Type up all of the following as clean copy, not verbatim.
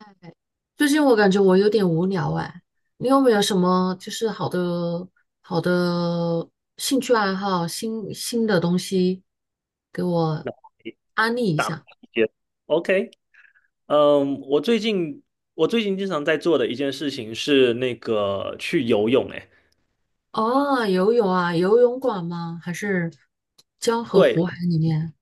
哎最近我感觉我有点无聊哎，你有没有什么就是好的兴趣爱好、新的东西给我那安利一大下？些。OK，嗯，我最近我最近经常在做的一件事情是那个去游泳，哎，哦，游泳啊，游泳馆吗？还是江河湖对，海里面？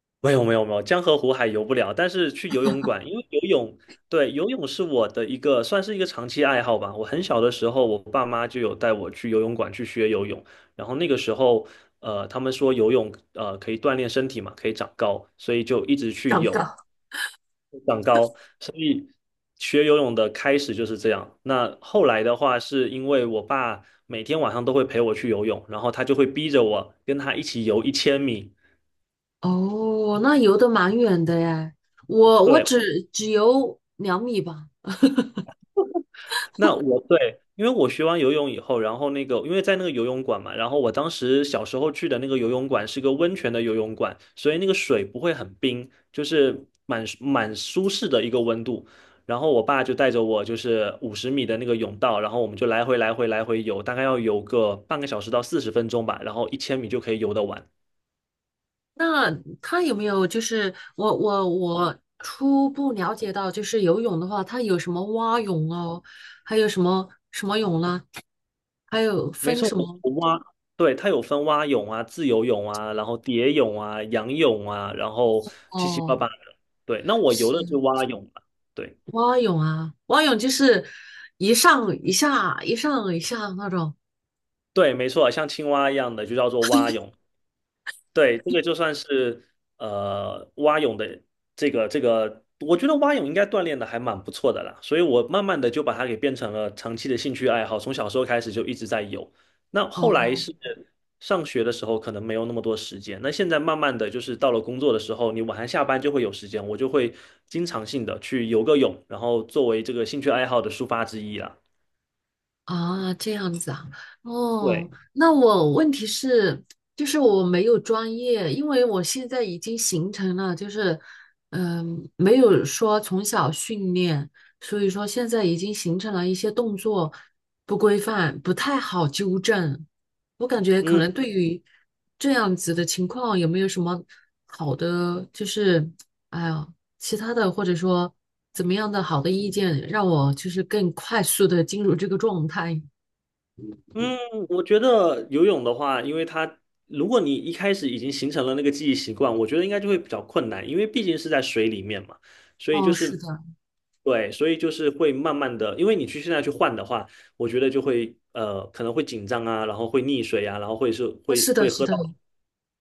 没有没有没有，江河湖海游不了，但是去游泳馆，因为游泳，对，游泳是我的一个算是一个长期爱好吧。我很小的时候，我爸妈就有带我去游泳馆去学游泳，然后那个时候，他们说游泳可以锻炼身体嘛，可以长高，所以就一直去长游。岗。长高，所以学游泳的开始就是这样。那后来的话，是因为我爸每天晚上都会陪我去游泳，然后他就会逼着我跟他一起游一千米。哦，那游的蛮远的哎，我对，只游2米吧。那我对，因为我学完游泳以后，然后那个因为在那个游泳馆嘛，然后我当时小时候去的那个游泳馆是个温泉的游泳馆，所以那个水不会很冰，就是蛮舒适的一个温度。然后我爸就带着我，就是50米的那个泳道，然后我们就来回来回来回游，大概要游个半个小时到40分钟吧，然后一千米就可以游得完。那他有没有就是我初步了解到，就是游泳的话，它有什么蛙泳哦，还有什么什么泳啦，还有没分错，什我么我蛙，对，它有分蛙泳啊、自由泳啊，然后蝶泳啊、仰泳啊，然后七七八哦，八的。对，那我游是的是蛙泳嘛？对蛙泳啊，蛙泳就是一上一下一上一下那种。对，没错，像青蛙一样的就叫做蛙泳。对，这个就算是蛙泳的我觉得蛙泳应该锻炼的还蛮不错的啦，所以我慢慢的就把它给变成了长期的兴趣爱好，从小时候开始就一直在游。那后哦。来是上学的时候可能没有那么多时间，那现在慢慢的就是到了工作的时候，你晚上下班就会有时间，我就会经常性的去游个泳，然后作为这个兴趣爱好的抒发之一啦。啊，这样子啊，哦，对。那我问题是，就是我没有专业，因为我现在已经形成了，就是，没有说从小训练，所以说现在已经形成了一些动作不规范，不太好纠正。我感觉可嗯。能对于这样子的情况，有没有什么好的，就是，哎呀。其他的或者说怎么样的好的意见，让我就是更快速的进入这个状态。嗯，我觉得游泳的话，因为它如果你一开始已经形成了那个记忆习惯，我觉得应该就会比较困难，因为毕竟是在水里面嘛，所以就哦，是是的，对，所以就是会慢慢的，因为你去现在去换的话，我觉得就会可能会紧张啊，然后会溺水啊，然后会是哦会是的会是喝的，到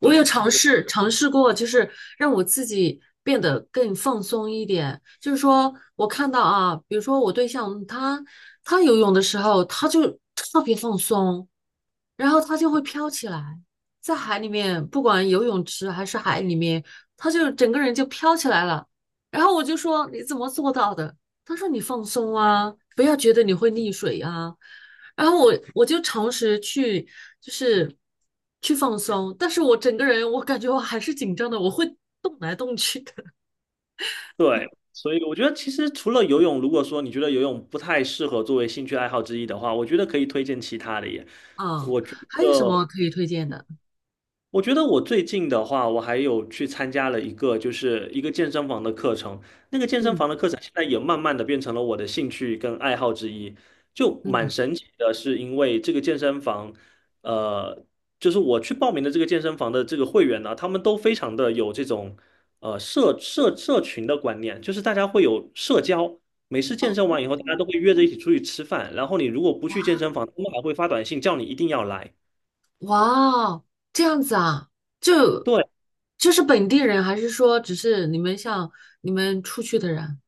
我有对，尝所以试尝试过，就是让我自己变得更放松一点。就是说我看到啊，比如说我对象他游泳的时候，他就特别放松，然后它就会飘起来，在海里面，不管游泳池还是海里面，它就整个人就飘起来了。然后我就说你怎么做到的？他说你放松啊，不要觉得你会溺水啊。然后我就尝试去就是去放松，但是我整个人我感觉我还是紧张的，我会动来动去的。对，所以我觉得其实除了游泳，如果说你觉得游泳不太适合作为兴趣爱好之一的话，我觉得可以推荐其他的耶，啊，我觉还有什么得。可以推荐的？我觉得我最近的话，我还有去参加了一个，就是一个健身房的课程。那个健身嗯房的课程现在也慢慢的变成了我的兴趣跟爱好之一，就蛮嗯，神奇的，是因为这个健身房，呃，就是我去报名的这个健身房的这个会员呢，他们都非常的有这种社群的观念，就是大家会有社交。每次健哦身完以后，大家都会约着一起出去吃饭，然后你如果不去健身房，他们还会发短信叫你一定要来。哇哦这样子啊，就对。就是本地人，还是说只是你们像你们出去的人？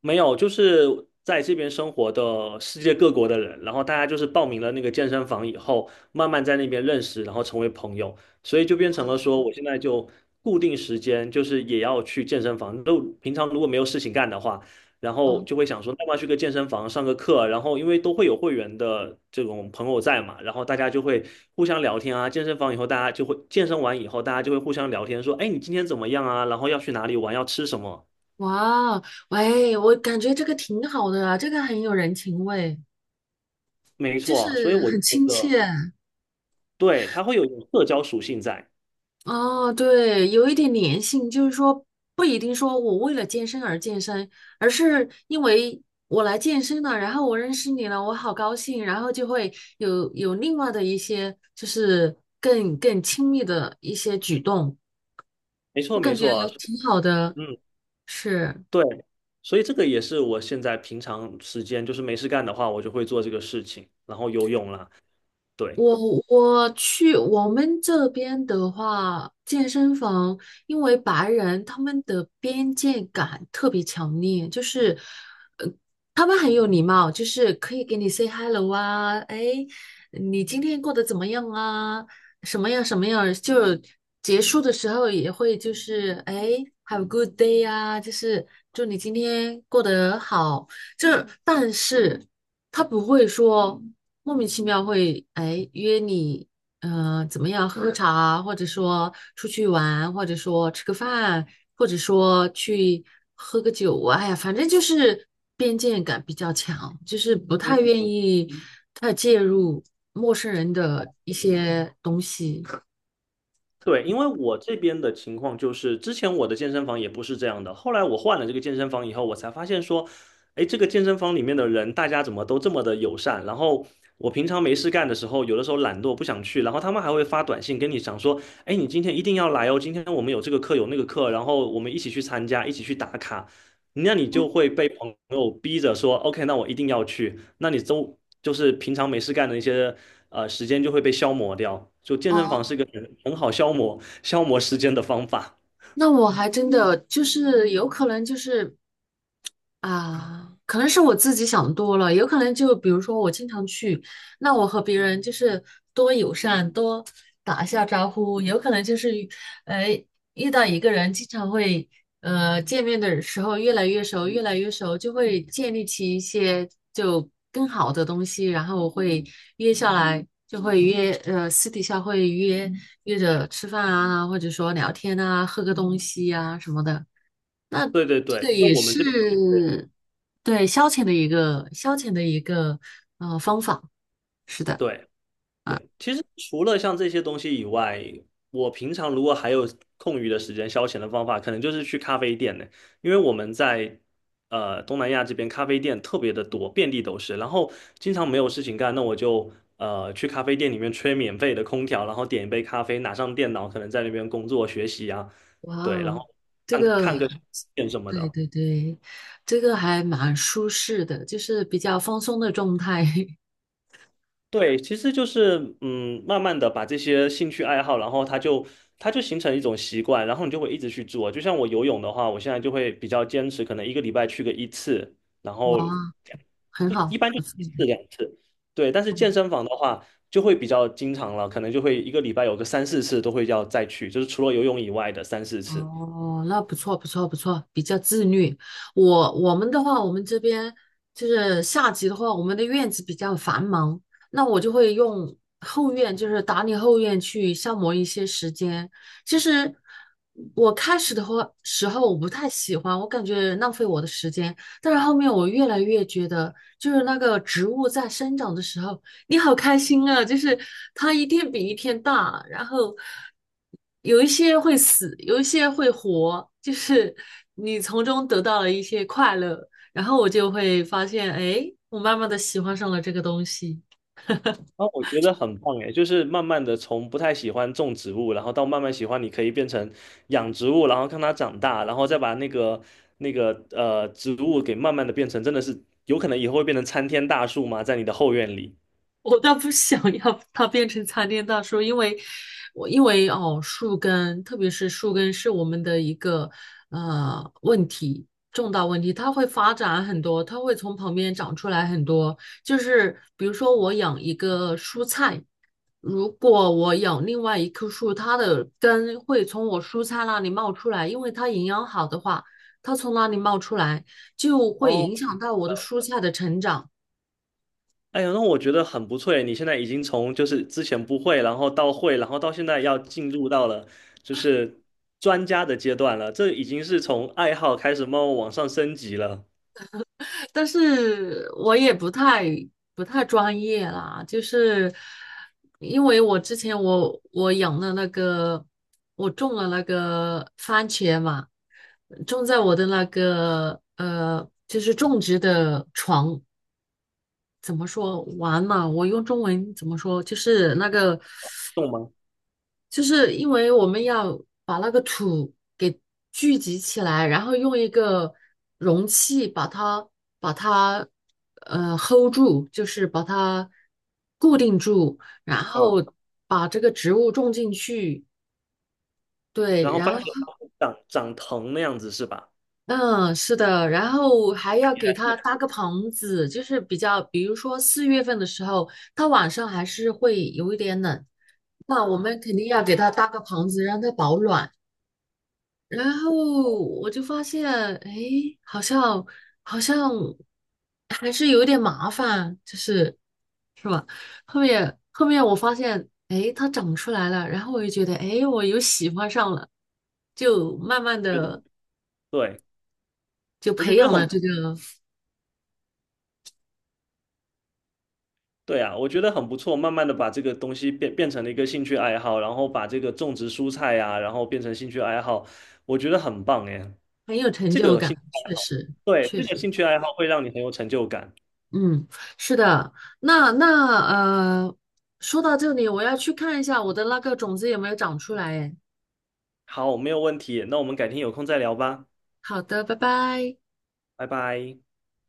没有，就是在这边生活的世界各国的人，然后大家就是报名了那个健身房以后，慢慢在那边认识，然后成为朋友，所以就变成了说，我现在就固定时间就是也要去健身房。都平常如果没有事情干的话，然后哦，就会想说，那么去个健身房上个课，然后因为都会有会员的这种朋友在嘛，然后大家就会互相聊天啊。健身房以后，大家就会健身完以后，大家就会互相聊天，说，哎，你今天怎么样啊？然后要去哪里玩，要吃什么。哇，喂，我感觉这个挺好的啊，这个很有人情味，没就错，所以是我就很觉亲切。得，对，它会有一种社交属性在。哦，对，有一点粘性，就是说不一定说我为了健身而健身，而是因为我来健身了，然后我认识你了，我好高兴，然后就会有另外的一些就是更亲密的一些举动，没错，我没感觉错，挺好的，嗯，是。对，所以这个也是我现在平常时间就是没事干的话，我就会做这个事情，然后游泳啦，对。我去我们这边的话，健身房因为白人他们的边界感特别强烈，就是，呃，他们很有礼貌，就是可以给你 say hello 啊，哎，你今天过得怎么样啊？什么样什么样？就结束的时候也会就是哎，have a good day 啊，就是祝你今天过得好。就是但是。他不会说莫名其妙会哎约你，怎么样喝茶啊或者说出去玩，或者说吃个饭，或者说去喝个酒啊，哎呀，反正就是边界感比较强，就是不太愿意太介入陌生人的一些东西。对，因为我这边的情况就是，之前我的健身房也不是这样的，后来我换了这个健身房以后，我才发现说，哎，这个健身房里面的人，大家怎么都这么的友善？然后我平常没事干的时候，有的时候懒惰不想去，然后他们还会发短信跟你讲说，哎，你今天一定要来哦，今天我们有这个课有那个课，然后我们一起去参加，一起去打卡。那你就会被朋友逼着说，OK，那我一定要去。那你周就是平常没事干的一些时间就会被消磨掉。就健身房是一哦，个很好消磨消磨时间的方法。那我还真的就是有可能就是。啊，可能是我自己想多了，有可能就比如说我经常去，那我和别人就是多友善，多打一下招呼，有可能就是呃遇到一个人，经常会见面的时候越来越熟，越来越熟，就会建立起一些就更好的东西，然后我会约下来，就会约私底下会约着吃饭啊，或者说聊天啊，喝个东西啊什么的，对对对，那我们这边是。对，消遣的一个方法，是的，对对对，其实除了像这些东西以外，我平常如果还有空余的时间消遣的方法，可能就是去咖啡店呢。因为我们在东南亚这边咖啡店特别的多，遍地都是。然后经常没有事情干，那我就去咖啡店里面吹免费的空调，然后点一杯咖啡，拿上电脑，可能在那边工作学习啊，哇对，然哦，后这看个 看个电 影什么对的。对对，这个还蛮舒适的，就是比较放松的状态，对，其实就是嗯，慢慢的把这些兴趣爱好，然后它就形成一种习惯，然后你就会一直去做。就像我游泳的话，我现在就会比较坚持，可能一个礼拜去个一次，然 哇，后很一好，一般就不错，一次两次。对，但是健嗯身房的话就会比较经常了，可能就会一个礼拜有个三四次都会要再去，就是除了游泳以外的三四次。哦，那不错，不错，不错，比较自律。我们的话，我们这边就是夏季的话，我们的院子比较繁忙，那我就会用后院，就是打理后院去消磨一些时间。其实我开始的话时候我不太喜欢，我感觉浪费我的时间，但是后面我越来越觉得，就是那个植物在生长的时候，你好开心啊！就是它一天比一天大，然后有一些会死，有一些会活，就是你从中得到了一些快乐，然后我就会发现，哎，我慢慢的喜欢上了这个东西。啊，我觉得很棒诶，就是慢慢的从不太喜欢种植物，然后到慢慢喜欢，你可以变成养植物，然后看它长大，然后再把那个那个植物给慢慢的变成，真的是有可能以后会变成参天大树吗？在你的后院里。我倒不想要它变成参天大树，因为哦，树根，特别是树根是我们的一个问题，重大问题，它会发展很多，它会从旁边长出来很多。就是比如说我养一个蔬菜，如果我养另外一棵树，它的根会从我蔬菜那里冒出来，因为它营养好的话，它从那里冒出来就会哦，影响到我的蔬菜的成长。哎呀，那我觉得很不错诶，你现在已经从就是之前不会，然后到会，然后到现在要进入到了就是专家的阶段了，这已经是从爱好开始慢慢往上升级了，但是我也不太专业啦，就是因为我之前我养了那个，我种了那个番茄嘛，种在我的那个就是种植的床，怎么说完嘛？我用中文怎么说？就是那个懂吗？就是因为我们要把那个土给聚集起来，然后用一个容器把它hold 住，就是把它固定住，然嗯。后把这个植物种进去。对，然后然发现后有，长长藤那样子是吧？嗯，是的，然后还要你给来它说，搭个棚子，就是比较，比如说4月份的时候，它晚上还是会有一点冷，那我们肯定要给它搭个棚子，让它保暖。然后我就发现，哎，好像好像还是有点麻烦，就是是吧？后面我发现，哎，它长出来了，然后我就觉得，哎，我又喜欢上了，就慢慢我觉得的对，就我觉培得养很了不这个，对啊，我觉得很不错。慢慢的把这个东西变成了一个兴趣爱好，然后把这个种植蔬菜呀、然后变成兴趣爱好，我觉得很棒哎。很有成这就个感，兴趣爱确好，实对，确这个实，兴趣爱好会让你很有成就感。嗯，是的。那呃，说到这里，我要去看一下我的那个种子有没有长出来。哎，好，没有问题。那我们改天有空再聊吧，好的，拜拜。拜拜。